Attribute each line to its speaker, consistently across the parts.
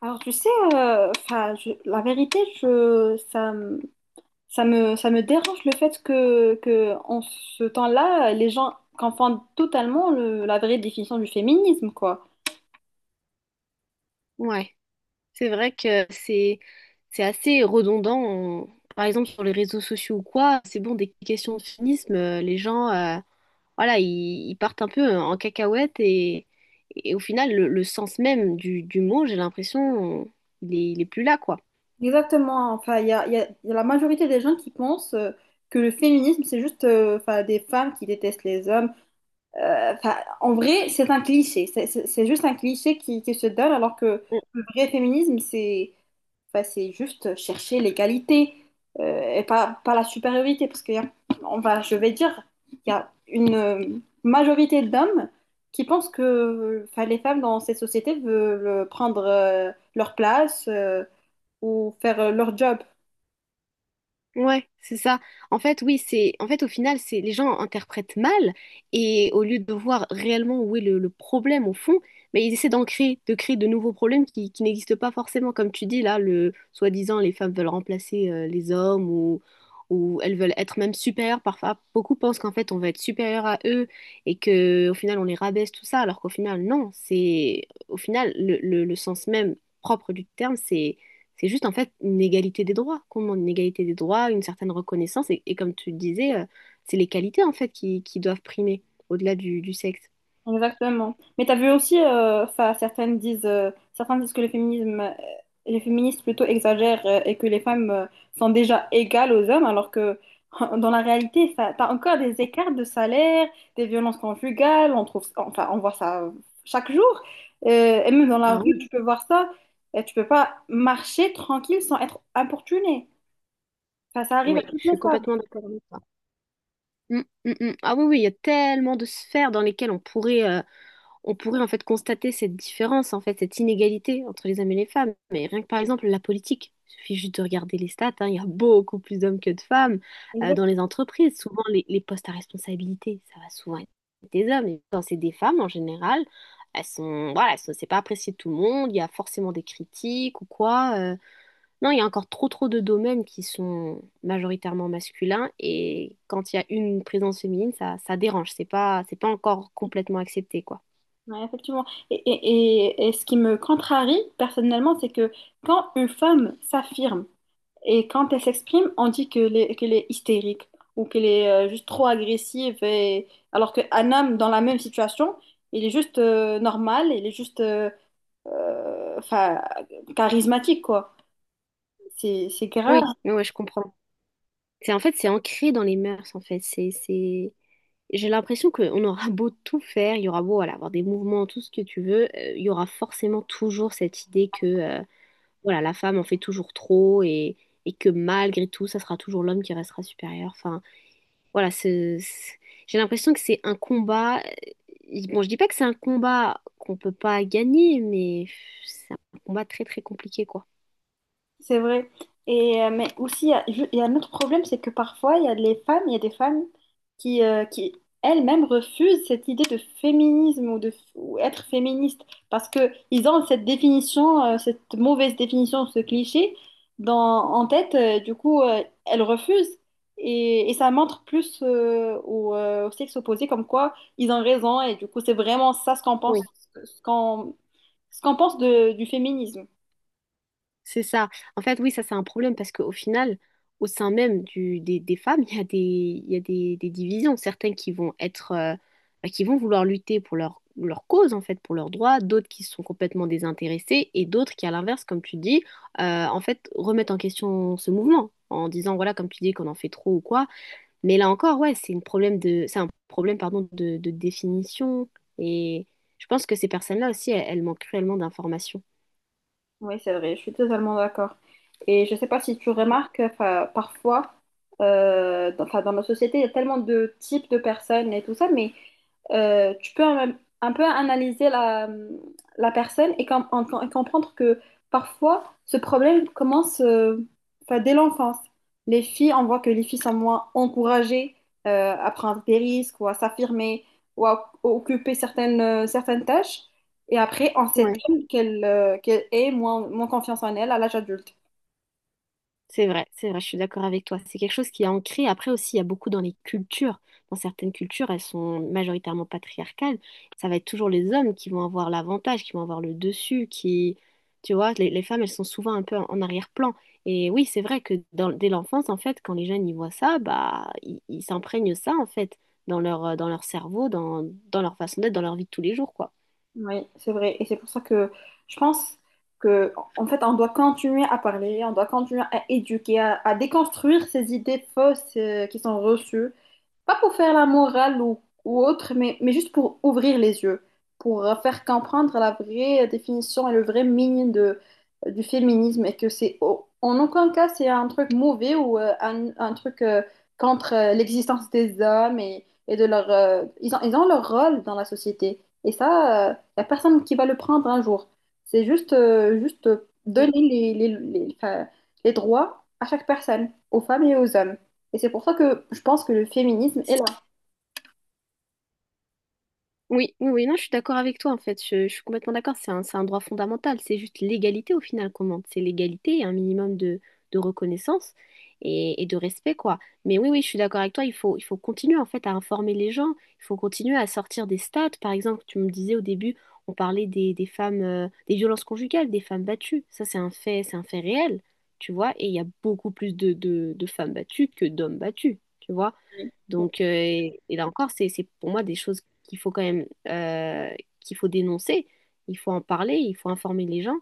Speaker 1: Alors, tu sais, la vérité, ça me dérange le fait que en ce temps-là, les gens confondent totalement la vraie définition du féminisme, quoi.
Speaker 2: Ouais, c'est vrai que c'est assez redondant. Par exemple, sur les réseaux sociaux ou quoi, c'est bon, des questions de féminisme, les gens, voilà, ils partent un peu en cacahuète et au final, le sens même du mot, j'ai l'impression, il est plus là, quoi.
Speaker 1: Exactement. Enfin, il y a la majorité des gens qui pensent que le féminisme, c'est juste 'fin, des femmes qui détestent les hommes. 'Fin, en vrai, c'est un cliché. C'est juste un cliché qui se donne, alors que le vrai féminisme, c'est... Enfin, c'est juste chercher l'égalité et pas, pas la supériorité. Parce que y a- On va, je vais dire, il y a une majorité d'hommes qui pensent que enfin, les femmes dans cette société veulent prendre leur place ou faire leur job.
Speaker 2: Ouais, c'est ça. En fait, oui, c'est en fait au final, c'est les gens interprètent mal et au lieu de voir réellement où est le problème au fond, mais ils essaient d'en créer de nouveaux problèmes qui n'existent pas forcément. Comme tu dis là, le soi-disant les femmes veulent remplacer les hommes ou elles veulent être même supérieures. Parfois, beaucoup pensent qu'en fait on va être supérieur à eux et que au final on les rabaisse tout ça, alors qu'au final non. C'est au final le le sens même propre du terme, c'est juste en fait une égalité des droits, qu'on demande une égalité des droits, une certaine reconnaissance, et comme tu le disais, c'est les qualités en fait qui doivent primer au-delà du sexe.
Speaker 1: Exactement. Mais t'as vu aussi, enfin, certains disent que le féminisme, les féministes plutôt exagèrent et que les femmes sont déjà égales aux hommes, alors que dans la réalité, enfin, t'as encore des écarts de salaire, des violences conjugales, on trouve, enfin, on voit ça chaque jour. Et même dans la
Speaker 2: Ah
Speaker 1: rue,
Speaker 2: oui.
Speaker 1: tu peux voir ça. Et tu peux pas marcher tranquille sans être importuné. Enfin, ça arrive à
Speaker 2: Oui,
Speaker 1: toutes
Speaker 2: je
Speaker 1: les
Speaker 2: suis
Speaker 1: femmes.
Speaker 2: complètement d'accord avec toi. Mm, mm, mm. Ah oui, oui, il y a tellement de sphères dans lesquelles on pourrait en fait constater cette différence, en fait, cette inégalité entre les hommes et les femmes. Mais rien que par exemple la politique, il suffit juste de regarder les stats, hein, il y a beaucoup plus d'hommes que de femmes dans les entreprises. Souvent, les postes à responsabilité, ça va souvent être des hommes. Et quand c'est des femmes en général, elles sont, voilà, c'est pas apprécié de tout le monde, il y a forcément des critiques ou quoi. Non, il y a encore trop trop de domaines qui sont majoritairement masculins et quand il y a une présence féminine, ça dérange, c'est pas encore complètement accepté, quoi.
Speaker 1: Ouais, effectivement. Et ce qui me contrarie personnellement, c'est que quand une femme s'affirme et quand elle s'exprime, on dit qu'elle est hystérique ou qu'elle est juste trop agressive. Et... Alors qu'un homme dans la même situation, il est juste normal, il est juste enfin, charismatique, quoi. C'est grave.
Speaker 2: Oui, oui, ouais, je comprends. C'est ancré dans les mœurs, en fait. J'ai l'impression qu'on aura beau tout faire, il y aura beau voilà, avoir des mouvements, tout ce que tu veux, il y aura forcément toujours cette idée que voilà, la femme en fait toujours trop et que malgré tout, ça sera toujours l'homme qui restera supérieur. Voilà, ce- ce- j'ai l'impression que c'est un combat. Bon, je dis pas que c'est un combat qu'on peut pas gagner, mais c'est un combat très très compliqué, quoi.
Speaker 1: C'est vrai. Et, mais aussi, il y a un autre problème, c'est que parfois, il y a des femmes qui elles-mêmes refusent cette idée de féminisme ou de ou être féministe parce que ils ont cette définition, cette mauvaise définition, ce cliché dans, en tête. Du coup, elles refusent. Et ça montre plus au sexe opposé comme quoi ils ont raison. Et du coup, c'est vraiment ça ce qu'on pense,
Speaker 2: Oui.
Speaker 1: ce qu'on, ce qu'on pense du féminisme.
Speaker 2: C'est ça. En fait, oui, ça c'est un problème parce qu'au final, au sein même des femmes, il y a des divisions. Certaines qui vont être, bah, qui vont vouloir lutter pour leur cause, en fait, pour leurs droits, d'autres qui sont complètement désintéressées et d'autres qui, à l'inverse, comme tu dis, en fait, remettent en question ce mouvement en disant, voilà, comme tu dis, qu'on en fait trop ou quoi. Mais là encore, ouais, c'est un problème, pardon, de définition. Et je pense que ces personnes-là aussi, elles manquent cruellement d'informations.
Speaker 1: Oui, c'est vrai, je suis totalement d'accord. Et je ne sais pas si tu remarques, enfin, parfois, dans, enfin, dans nos sociétés, il y a tellement de types de personnes et tout ça, mais tu peux un peu analyser la, la personne et comprendre que parfois, ce problème commence enfin, dès l'enfance. Les filles, on voit que les filles sont moins encouragées à prendre des risques ou à s'affirmer ou à occuper certaines, certaines tâches. Et après, en septembre, qu'elle ait moins, moins confiance en elle à l'âge adulte.
Speaker 2: C'est vrai, je suis d'accord avec toi. C'est quelque chose qui est ancré. Après aussi, il y a beaucoup dans les cultures. Dans certaines cultures, elles sont majoritairement patriarcales. Ça va être toujours les hommes qui vont avoir l'avantage, qui vont avoir le dessus, qui... Tu vois, les femmes, elles sont souvent un peu en en arrière-plan. Et oui, c'est vrai que dès l'enfance, en fait, quand les jeunes y voient ça, bah, ils s'imprègnent ça, en fait, dans leur cerveau, dans, dans leur façon d'être, dans leur vie de tous les jours, quoi.
Speaker 1: Oui, c'est vrai. Et c'est pour ça que je pense que, en fait, on doit continuer à parler, on doit continuer à éduquer, à déconstruire ces idées fausses qui sont reçues. Pas pour faire la morale ou autre, mais juste pour ouvrir les yeux, pour faire comprendre la vraie définition et le vrai meaning de, du féminisme et que en aucun cas c'est un truc mauvais ou un truc contre l'existence des hommes et de leur ils ont leur rôle dans la société et ça il n'y a personne qui va le prendre un jour, c'est juste juste
Speaker 2: Mm.
Speaker 1: donner les, enfin, les droits à chaque personne, aux femmes et aux hommes, et c'est pour ça que je pense que le féminisme est là.
Speaker 2: Oui, oui, oui, non, je suis d'accord avec toi en fait. Je suis complètement d'accord. C'est un droit fondamental. C'est juste l'égalité au final qu'on demande. C'est l'égalité et un minimum de reconnaissance et de respect, quoi. Mais oui, oui, je suis d'accord avec toi. Il faut continuer en fait à informer les gens. Il faut continuer à sortir des stats. Par exemple, tu me disais au début, on parlait des femmes, des violences conjugales, des femmes battues. Ça, c'est un fait réel, tu vois. Et il y a beaucoup plus de femmes battues que d'hommes battus, tu vois. Donc, et là encore, c'est pour moi des choses qu'il faut quand même, qu'il faut dénoncer, il faut en parler, il faut informer les gens.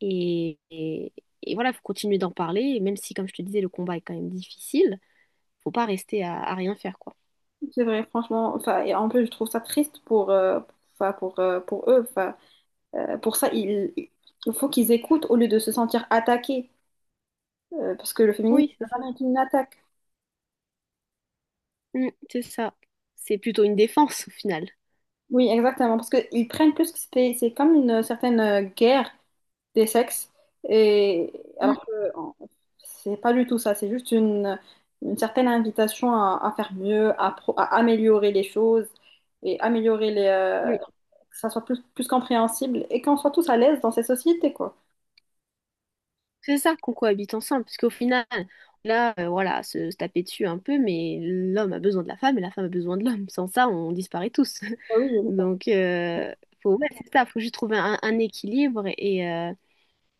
Speaker 2: Et, et, et voilà, il faut continuer d'en parler, et même si, comme je te disais, le combat est quand même difficile, faut pas rester à rien faire, quoi.
Speaker 1: C'est vrai, franchement. Enfin, et en plus, je trouve ça triste pour, enfin, pour eux. Enfin, pour ça, il faut qu'ils écoutent au lieu de se sentir attaqués. Parce que le féminisme
Speaker 2: Oui, c'est
Speaker 1: n'a
Speaker 2: ça.
Speaker 1: jamais été une attaque.
Speaker 2: Mm, c'est ça. C'est plutôt une défense, au final.
Speaker 1: Oui, exactement. Parce qu'ils prennent plus que c'est comme une certaine guerre des sexes. Et
Speaker 2: Mm,
Speaker 1: alors que en- c'est pas du tout ça, c'est juste une certaine invitation à faire mieux, à améliorer les choses et améliorer les,
Speaker 2: oui.
Speaker 1: que ça soit plus, plus compréhensible et qu'on soit tous à l'aise dans ces sociétés, quoi.
Speaker 2: C'est ça qu'on cohabite ensemble, parce qu'au final, là, voilà, se taper dessus un peu, mais l'homme a besoin de la femme et la femme a besoin de l'homme. Sans ça, on disparaît tous.
Speaker 1: Ah oui,
Speaker 2: Donc, faut, ouais, c'est ça, faut juste trouver un équilibre et, euh,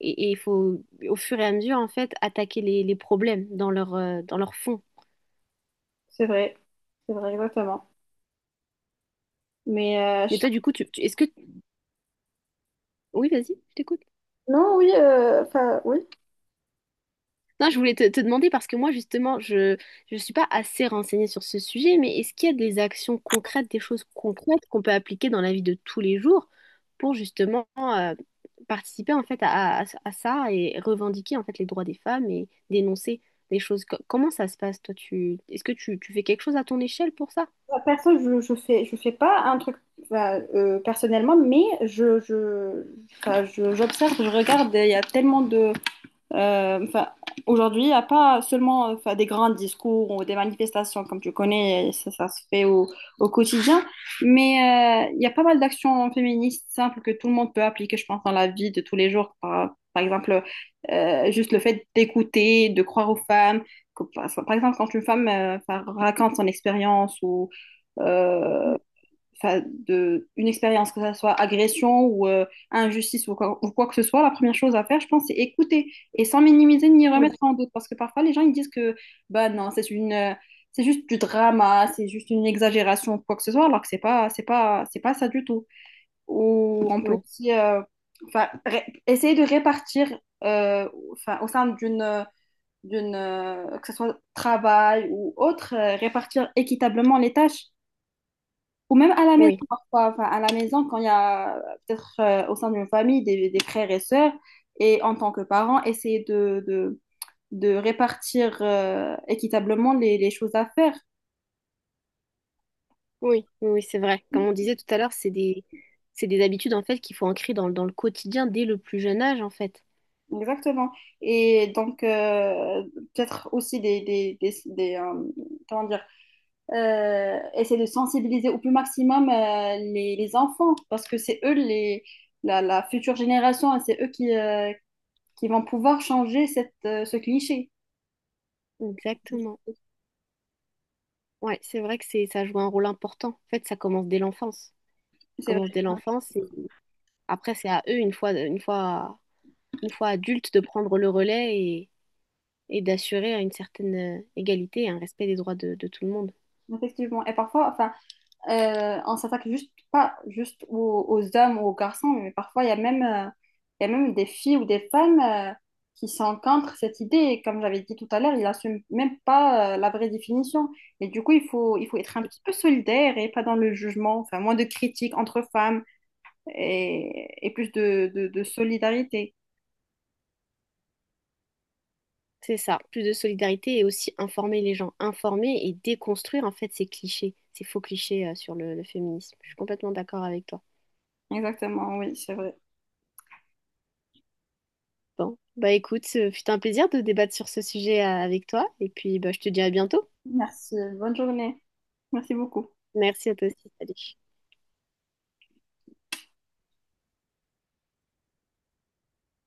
Speaker 2: et, et il faut, au fur et à mesure, en fait, attaquer les problèmes dans leur fond.
Speaker 1: c'est vrai, c'est vrai, exactement. Mais euh,
Speaker 2: Mais
Speaker 1: je-
Speaker 2: toi, du coup, est-ce que... Oui, vas-y, je t'écoute.
Speaker 1: non, oui, enfin, oui.
Speaker 2: Non, je voulais te demander parce que moi, justement, je ne suis pas assez renseignée sur ce sujet, mais est-ce qu'il y a des actions concrètes, des choses concrètes qu'on peut appliquer dans la vie de tous les jours pour justement participer en fait à, à ça et revendiquer en fait les droits des femmes et dénoncer des choses? Comment ça se passe, toi, est-ce que tu fais quelque chose à ton échelle pour ça?
Speaker 1: Personne, je fais pas un truc enfin, personnellement, mais enfin, j'observe, je regarde, il y a tellement de, enfin, aujourd'hui, il n'y a pas seulement enfin, des grands discours ou des manifestations, comme tu connais, ça se fait au quotidien, mais il y a pas mal d'actions féministes simples que tout le monde peut appliquer, je pense, dans la vie de tous les jours. Par exemple, juste le fait d'écouter, de croire aux femmes. Par exemple, quand une femme enfin, raconte son expérience ou euh,
Speaker 2: Mm,
Speaker 1: enfin, de, une expérience, que ça soit agression ou injustice ou quoi que ce soit, la première chose à faire, je pense, c'est écouter et sans minimiser ni
Speaker 2: Oui,
Speaker 1: remettre en doute. Parce que parfois, les gens, ils disent que, bah non, c'est une, c'est juste du drama, c'est juste une exagération ou quoi que ce soit, alors que c'est pas ça du tout. Ou on peut
Speaker 2: oui,
Speaker 1: aussi, enfin, essayer de répartir, enfin, au sein d'une d'une, que ce soit travail ou autre, répartir équitablement les tâches. Ou même à la maison
Speaker 2: oui,
Speaker 1: parfois, enfin à la maison quand il y a peut-être au sein d'une famille des frères et sœurs, et en tant que parent, essayer de répartir équitablement les choses à faire.
Speaker 2: oui, c'est vrai. Comme on disait tout à l'heure, c'est des habitudes en fait qu'il faut ancrer dans, dans le quotidien dès le plus jeune âge en fait.
Speaker 1: Exactement. Et donc, peut-être aussi comment dire, essayer de sensibiliser au plus maximum les enfants, parce que c'est eux, les, la future génération, et c'est eux qui vont pouvoir changer cette, ce cliché.
Speaker 2: Exactement. Ouais, c'est vrai que c'est ça joue un rôle important. En fait, ça commence dès l'enfance. Ça
Speaker 1: C'est
Speaker 2: commence dès
Speaker 1: vrai,
Speaker 2: l'enfance et après c'est à eux une fois adultes de prendre le relais et d'assurer une certaine égalité et un respect des droits de tout le monde.
Speaker 1: effectivement. Et parfois, enfin, on s'attaque juste pas juste aux, aux hommes ou aux garçons, mais parfois il y a même, il y a même des filles ou des femmes qui sont contre cette idée. Et comme j'avais dit tout à l'heure, ils n'assument même pas la vraie définition. Et du coup, il faut être un petit peu solidaire et pas dans le jugement, enfin, moins de critiques entre femmes et plus de, de solidarité.
Speaker 2: C'est ça, plus de solidarité et aussi informer les gens, informer et déconstruire en fait ces clichés, ces faux clichés sur le féminisme. Je suis complètement d'accord avec toi.
Speaker 1: Exactement, oui, c'est vrai.
Speaker 2: Bon, bah écoute, ce fut un plaisir de débattre sur ce sujet avec toi et puis bah je te dis à bientôt.
Speaker 1: Merci. Bonne journée. Merci beaucoup.
Speaker 2: Merci à toi aussi. Salut.